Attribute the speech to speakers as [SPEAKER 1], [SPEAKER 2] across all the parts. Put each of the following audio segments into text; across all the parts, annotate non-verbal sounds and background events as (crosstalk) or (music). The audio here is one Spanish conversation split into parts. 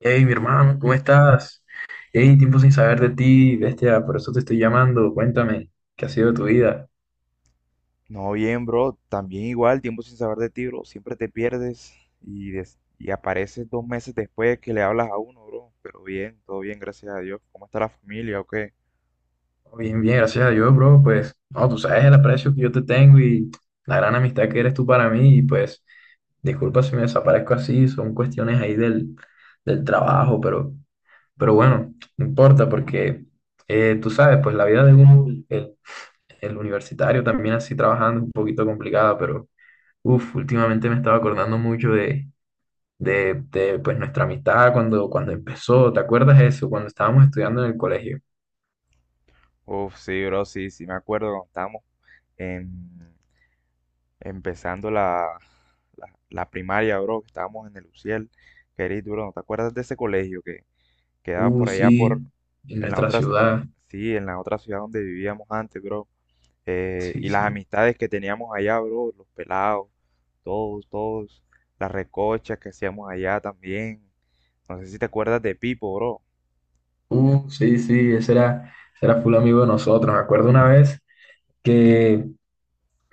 [SPEAKER 1] Hey, mi hermano, ¿cómo estás? Hey, tiempo sin saber de ti, bestia, por eso te estoy llamando. Cuéntame, ¿qué ha sido de tu vida?
[SPEAKER 2] No, bien, bro. También igual, tiempo sin saber de ti, bro. Siempre te pierdes y, y apareces dos meses después que le hablas a uno, bro. Pero bien, todo bien, gracias a Dios. ¿Cómo está la familia o qué?
[SPEAKER 1] Oh, bien, bien, gracias a Dios, bro. Pues, no, tú sabes el aprecio que yo te tengo y la gran amistad que eres tú para mí. Y pues, disculpa si me desaparezco así, son cuestiones ahí del trabajo, pero bueno, no importa porque tú sabes, pues la vida de un, el universitario también así trabajando es un poquito complicada, pero, últimamente me estaba acordando mucho de pues nuestra amistad cuando empezó, ¿te acuerdas eso? Cuando estábamos estudiando en el colegio.
[SPEAKER 2] Uf, sí, bro, sí, sí me acuerdo cuando estábamos en- empezando la primaria, bro, que estábamos en el UCIEL. Querido, bro, ¿no te acuerdas de ese colegio que quedaba
[SPEAKER 1] Uh,
[SPEAKER 2] por allá por,
[SPEAKER 1] sí, en
[SPEAKER 2] en la
[SPEAKER 1] nuestra
[SPEAKER 2] otra,
[SPEAKER 1] ciudad.
[SPEAKER 2] sí, en la otra ciudad donde vivíamos antes, bro?
[SPEAKER 1] Sí,
[SPEAKER 2] Y las
[SPEAKER 1] sí.
[SPEAKER 2] amistades que teníamos allá, bro, los pelados, todos, las recochas que hacíamos allá también. No sé si te acuerdas de Pipo, bro.
[SPEAKER 1] Sí, ese era full amigo de nosotros. Me acuerdo una vez que,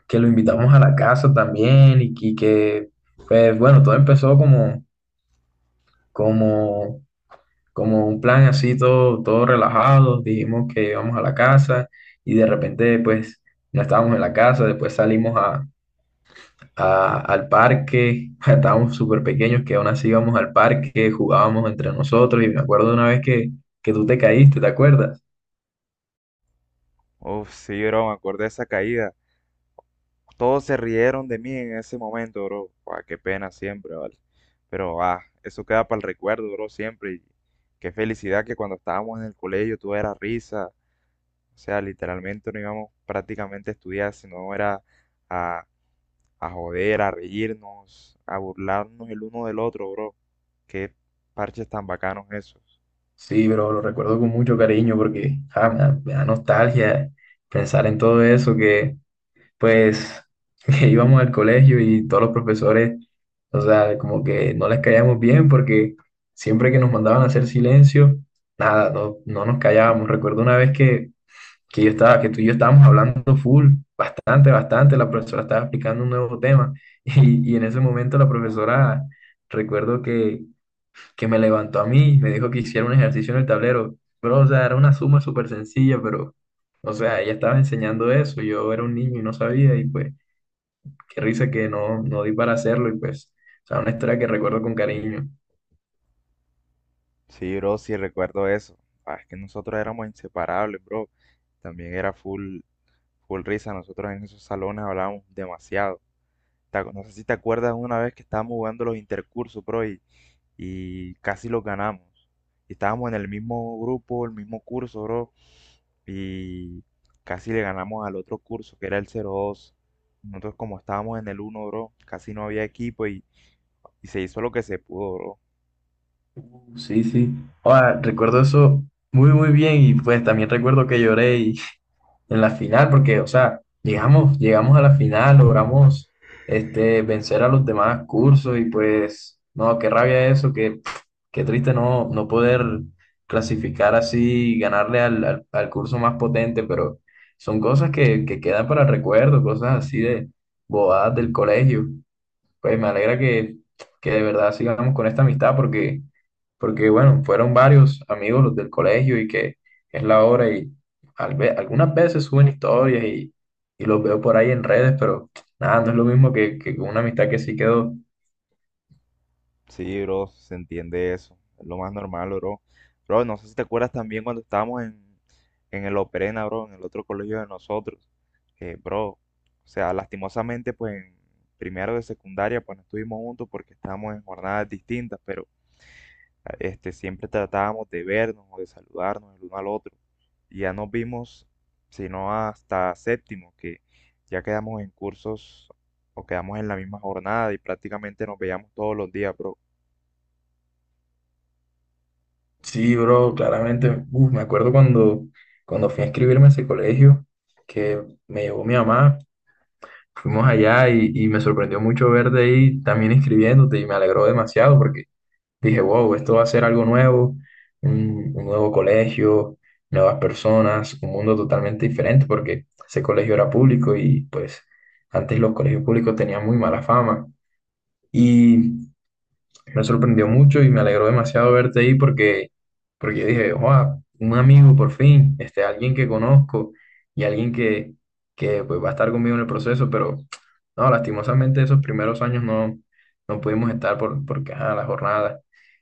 [SPEAKER 1] que lo invitamos a la casa también y, pues bueno, todo empezó como, como un plan así, todo relajado. Dijimos que íbamos a la casa y de repente pues no estábamos en la casa, después salimos a al parque. (laughs) Estábamos súper pequeños que aún así íbamos al parque, jugábamos entre nosotros y me acuerdo de una vez que tú te caíste, ¿te acuerdas?
[SPEAKER 2] Uf, sí, bro, me acuerdo de esa caída. Todos se rieron de mí en ese momento, bro. Buah, qué pena siempre, ¿vale? Pero, ah, eso queda para el recuerdo, bro, siempre. Y qué felicidad que cuando estábamos en el colegio todo era risa. O sea, literalmente no íbamos prácticamente a estudiar, sino era a joder, a reírnos, a burlarnos el uno del otro, bro. Qué parches tan bacanos esos.
[SPEAKER 1] Sí, pero lo recuerdo con mucho cariño porque me da nostalgia pensar en todo eso que pues (laughs) que íbamos al colegio y todos los profesores, o sea, como que no les caíamos bien porque siempre que nos mandaban a hacer silencio, nada, no, no nos callábamos. Recuerdo una vez que tú y yo estábamos hablando full, bastante, bastante, la profesora estaba explicando un nuevo tema. (laughs) Y, y en ese momento la profesora, recuerdo que me levantó a mí, me dijo que hiciera un ejercicio en el tablero, pero o sea, era una suma súper sencilla, pero o sea, ella estaba enseñando eso, yo era un niño y no sabía y pues qué risa que no, no di para hacerlo y pues, o sea, una historia que recuerdo con cariño.
[SPEAKER 2] Sí, bro, sí recuerdo eso. Ah, es que nosotros éramos inseparables, bro. También era full, full risa. Nosotros en esos salones hablábamos demasiado. No sé si te acuerdas una vez que estábamos jugando los intercursos, bro, y casi los ganamos. Y estábamos en el mismo grupo, el mismo curso, bro, y casi le ganamos al otro curso, que era el 02. Nosotros como estábamos en el 1, bro, casi no había equipo y se hizo lo que se pudo, bro.
[SPEAKER 1] Sí, sí. Ahora, recuerdo eso muy, muy bien y pues también recuerdo que (laughs) en la final porque, o sea, llegamos a la final, logramos vencer a los demás cursos y pues, no, qué rabia eso, qué, qué triste no, no poder clasificar así y ganarle al curso más potente, pero son cosas que quedan para el recuerdo, cosas así de bobadas del colegio. Pues me alegra que de verdad sigamos con esta amistad porque bueno, fueron varios amigos los del colegio y que es la hora y algunas veces suben historias y los veo por ahí en redes, pero nada, no es lo mismo que con una amistad que sí quedó.
[SPEAKER 2] Sí, bro, se entiende eso. Es lo más normal, bro. Bro, no sé si te acuerdas también cuando estábamos en el Operena, bro, en el otro colegio de nosotros. Que, bro, o sea, lastimosamente, pues en primero de secundaria, pues no estuvimos juntos porque estábamos en jornadas distintas, pero este, siempre tratábamos de vernos o de saludarnos el uno al otro. Y ya nos vimos, sino hasta séptimo, que ya quedamos en cursos o quedamos en la misma jornada y prácticamente nos veíamos todos los días, bro.
[SPEAKER 1] Sí, bro, claramente, uf, me acuerdo cuando fui a inscribirme a ese colegio que me llevó mi mamá, fuimos allá y me sorprendió mucho verte ahí también inscribiéndote y me alegró demasiado porque dije, wow, esto va a ser algo nuevo, un nuevo colegio, nuevas personas, un mundo totalmente diferente porque ese colegio era público y pues antes los colegios públicos tenían muy mala fama. Y me sorprendió mucho y me alegró demasiado verte ahí porque yo dije, wow, un amigo por fin, este, alguien que conozco y alguien que pues, va a estar conmigo en el proceso, pero no, lastimosamente esos primeros años no, no pudimos estar por, porque, ajá, la jornada.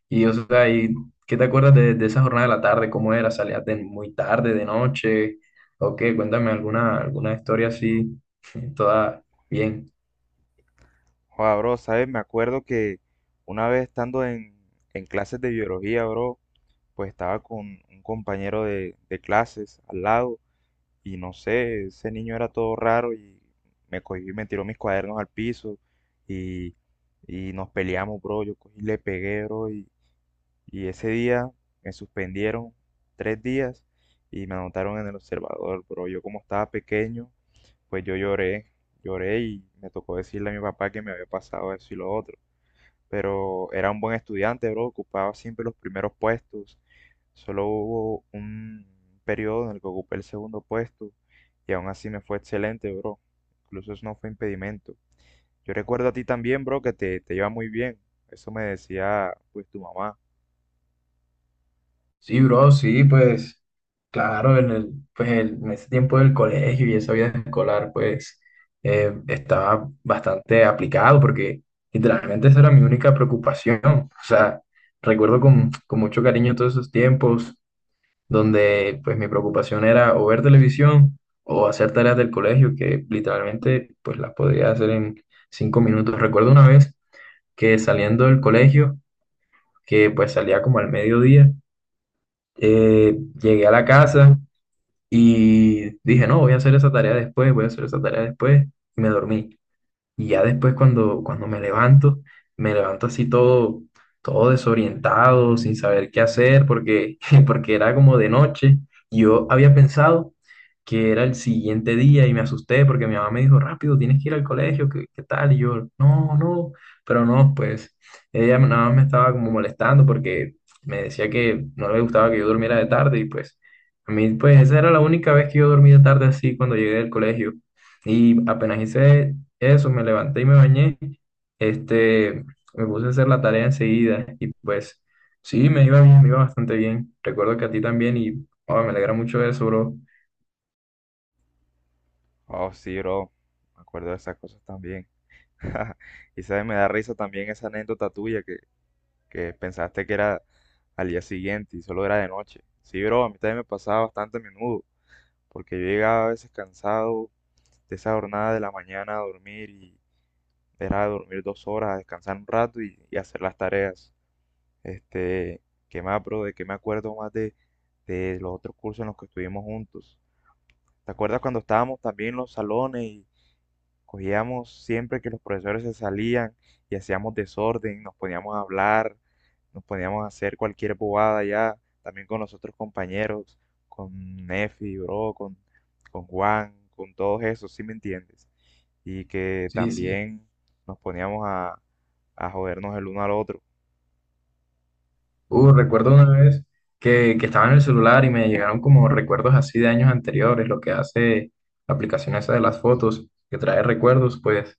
[SPEAKER 1] Y, o sea, ¿y qué te acuerdas de esa jornada de la tarde? ¿Cómo era? ¿Salías de muy tarde, de noche? ¿O qué? Cuéntame alguna, alguna historia así, (laughs) toda bien.
[SPEAKER 2] Joder, bro, ¿sabes? Me acuerdo que una vez estando en clases de biología, bro, pues estaba con un compañero de clases al lado. Y no sé, ese niño era todo raro y me cogió y me tiró mis cuadernos al piso y, y nos peleamos, bro. Yo cogí y le pegué, bro. Y ese día me suspendieron 3 días y me anotaron en el observador, bro. Yo como estaba pequeño, pues yo lloré, lloré y me tocó decirle a mi papá que me había pasado eso y lo otro, pero era un buen estudiante, bro, ocupaba siempre los primeros puestos. Solo hubo un periodo en el que ocupé el segundo puesto y aún así me fue excelente, bro. Incluso eso no fue impedimento. Yo recuerdo a ti también, bro, que te iba muy bien. Eso me decía, pues, tu mamá.
[SPEAKER 1] Sí, bro, sí, pues claro, en el, pues el- en ese tiempo del colegio y esa vida escolar, pues estaba bastante aplicado porque literalmente esa era mi única preocupación. O sea, recuerdo con mucho cariño todos esos tiempos donde pues mi preocupación era o ver televisión o hacer tareas del colegio que literalmente pues las podía hacer en cinco minutos. Recuerdo una vez que saliendo del colegio, que pues salía como al mediodía, llegué a la casa y dije, no, voy a hacer esa tarea después, y me dormí. Y ya después cuando me levanto así todo desorientado, sin saber qué hacer, porque, (laughs) porque era como de noche. Yo había pensado que era el siguiente día y me asusté porque mi mamá me dijo, rápido, tienes que ir al colegio, ¿qué tal? Y yo, no, no, pero no, pues ella nada más me estaba como molestando porque me decía que no le gustaba que yo durmiera de tarde y pues a mí, pues esa era la única vez que yo dormí de tarde así cuando llegué del colegio. Y apenas hice eso, me levanté y me bañé. Este, me puse a hacer la tarea enseguida y pues sí, me iba bien, me iba bastante bien. Recuerdo que a ti también y oh, me alegra mucho eso, bro.
[SPEAKER 2] Oh, sí, bro, me acuerdo de esas cosas también. (laughs) Y sabes, me da risa también esa anécdota tuya que pensaste que era al día siguiente y solo era de noche. Sí, bro, a mí también me pasaba bastante a menudo, porque yo llegaba a veces cansado de esa jornada de la mañana a dormir y era dormir 2 horas, a descansar un rato y hacer las tareas. Este, ¿qué más, bro? ¿De qué me acuerdo más de los otros cursos en los que estuvimos juntos? ¿Te acuerdas cuando estábamos también en los salones y cogíamos siempre que los profesores se salían y hacíamos desorden, nos poníamos a hablar, nos poníamos a hacer cualquier bobada ya, también con los otros compañeros, con Nefi, bro, con Juan, con todos esos, ¿sí me entiendes? Y que
[SPEAKER 1] Sí, sí.
[SPEAKER 2] también nos poníamos a jodernos el uno al otro.
[SPEAKER 1] Recuerdo una vez que estaba en el celular y me llegaron como recuerdos así de años anteriores, lo que hace la aplicación esa de las fotos, que trae recuerdos, pues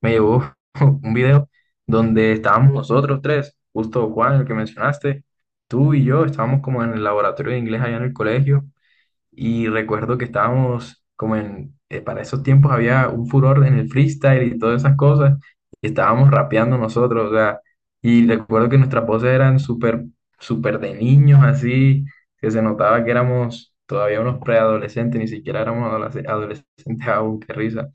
[SPEAKER 1] me llevó (laughs) un video donde estábamos nosotros tres, justo Juan, el que mencionaste, tú y yo, estábamos como en el laboratorio de inglés allá en el colegio. Y recuerdo que estábamos como en, para esos tiempos había un furor en el freestyle y todas esas cosas. Y estábamos rapeando nosotros, o sea, y recuerdo que nuestras voces eran súper, súper de niños, así, que se notaba que éramos todavía unos preadolescentes, ni siquiera éramos adolescentes aún, qué risa.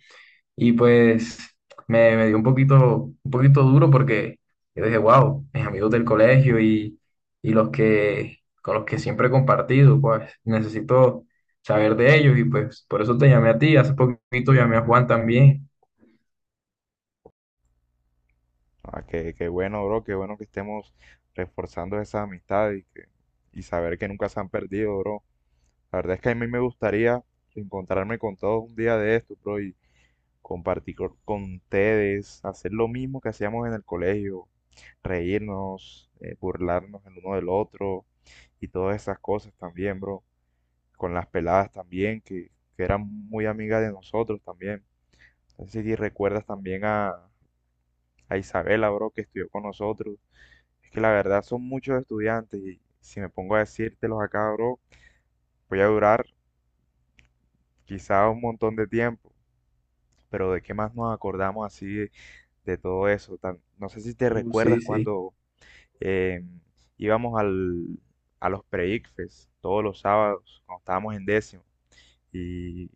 [SPEAKER 1] Y pues me dio un poquito duro porque yo dije, wow, mis amigos del colegio y los que, con los que siempre he compartido, pues necesito saber de ellos y pues por eso te llamé a ti. Hace poquito llamé a Juan también.
[SPEAKER 2] Ah, que bueno, bro, qué bueno que estemos reforzando esas amistades y, que, y saber que nunca se han perdido, bro. La verdad es que a mí me gustaría encontrarme con todos un día de esto, bro, y compartir con ustedes, hacer lo mismo que hacíamos en el colegio, reírnos, burlarnos el uno del otro y todas esas cosas también, bro. Con las peladas también, que eran muy amigas de nosotros también. No sé si recuerdas también a Isabela, bro, que estudió con nosotros. Es que la verdad son muchos estudiantes y si me pongo a decírtelos acá, bro, voy a durar quizá un montón de tiempo. Pero ¿de qué más nos acordamos así de todo eso? No sé si te
[SPEAKER 1] Uh, sí,
[SPEAKER 2] recuerdas
[SPEAKER 1] sí.
[SPEAKER 2] cuando eh, íbamos al, a los pre-ICFES todos los sábados, cuando estábamos en décimo, y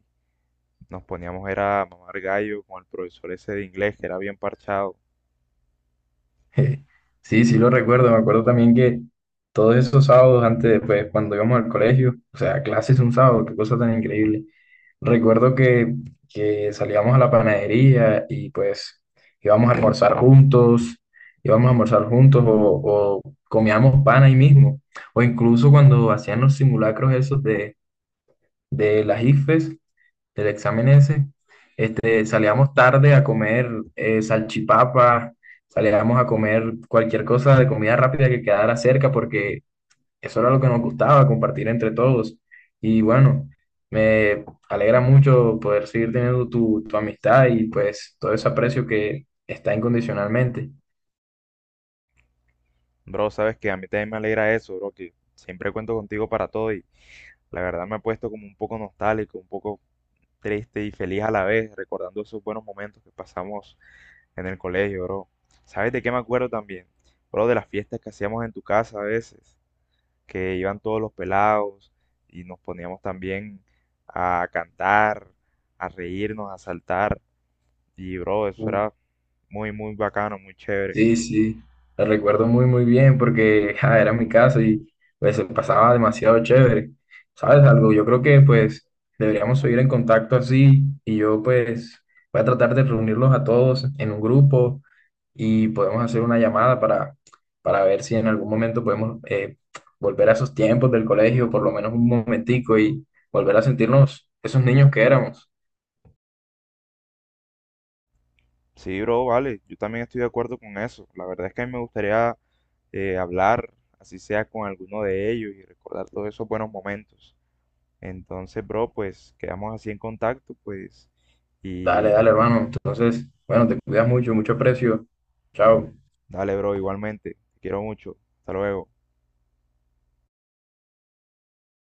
[SPEAKER 2] nos poníamos era a mamar gallo con el profesor ese de inglés que era bien parchado.
[SPEAKER 1] (laughs) Sí, sí lo recuerdo, me acuerdo también que todos esos sábados antes, pues cuando íbamos al colegio, o sea, clases un sábado, qué cosa tan increíble. Recuerdo que salíamos a la panadería y pues íbamos a almorzar juntos, o comíamos pan ahí mismo, o incluso cuando hacían los simulacros esos de las IFES del examen ese, este, salíamos tarde a comer salchipapa, salíamos a comer cualquier cosa de comida rápida que quedara cerca, porque eso era lo que nos gustaba, compartir entre todos. Y bueno, me alegra mucho poder seguir teniendo tu, tu amistad y pues todo ese aprecio que está incondicionalmente.
[SPEAKER 2] Bro, sabes que a mí también me alegra eso, bro, que siempre cuento contigo para todo y la verdad me ha puesto como un poco nostálgico, un poco triste y feliz a la vez, recordando esos buenos momentos que pasamos en el colegio, bro. ¿Sabes de qué me acuerdo también? Bro, de las fiestas que hacíamos en tu casa a veces, que iban todos los pelados y nos poníamos también a cantar, a reírnos, a saltar. Y, bro, eso era muy, muy bacano, muy chévere.
[SPEAKER 1] Sí, sí, la recuerdo muy, muy bien porque ja, era mi casa y pues se pasaba demasiado chévere. ¿Sabes algo? Yo creo que pues deberíamos seguir en contacto así y yo pues voy a tratar de reunirlos a todos en un grupo y podemos hacer una llamada para ver si en algún momento podemos volver a esos tiempos del colegio, por lo menos un momentico y volver a sentirnos esos niños que éramos.
[SPEAKER 2] Sí, bro, vale, yo también estoy de acuerdo con eso. La verdad es que a mí me gustaría hablar, así sea con alguno de ellos y recordar todos esos buenos momentos. Entonces, bro, pues quedamos así en contacto, pues,
[SPEAKER 1] Dale, dale,
[SPEAKER 2] y
[SPEAKER 1] hermano. Entonces, bueno, te cuidas mucho, mucho aprecio. Chao.
[SPEAKER 2] dale, bro, igualmente. Te quiero mucho. Hasta luego.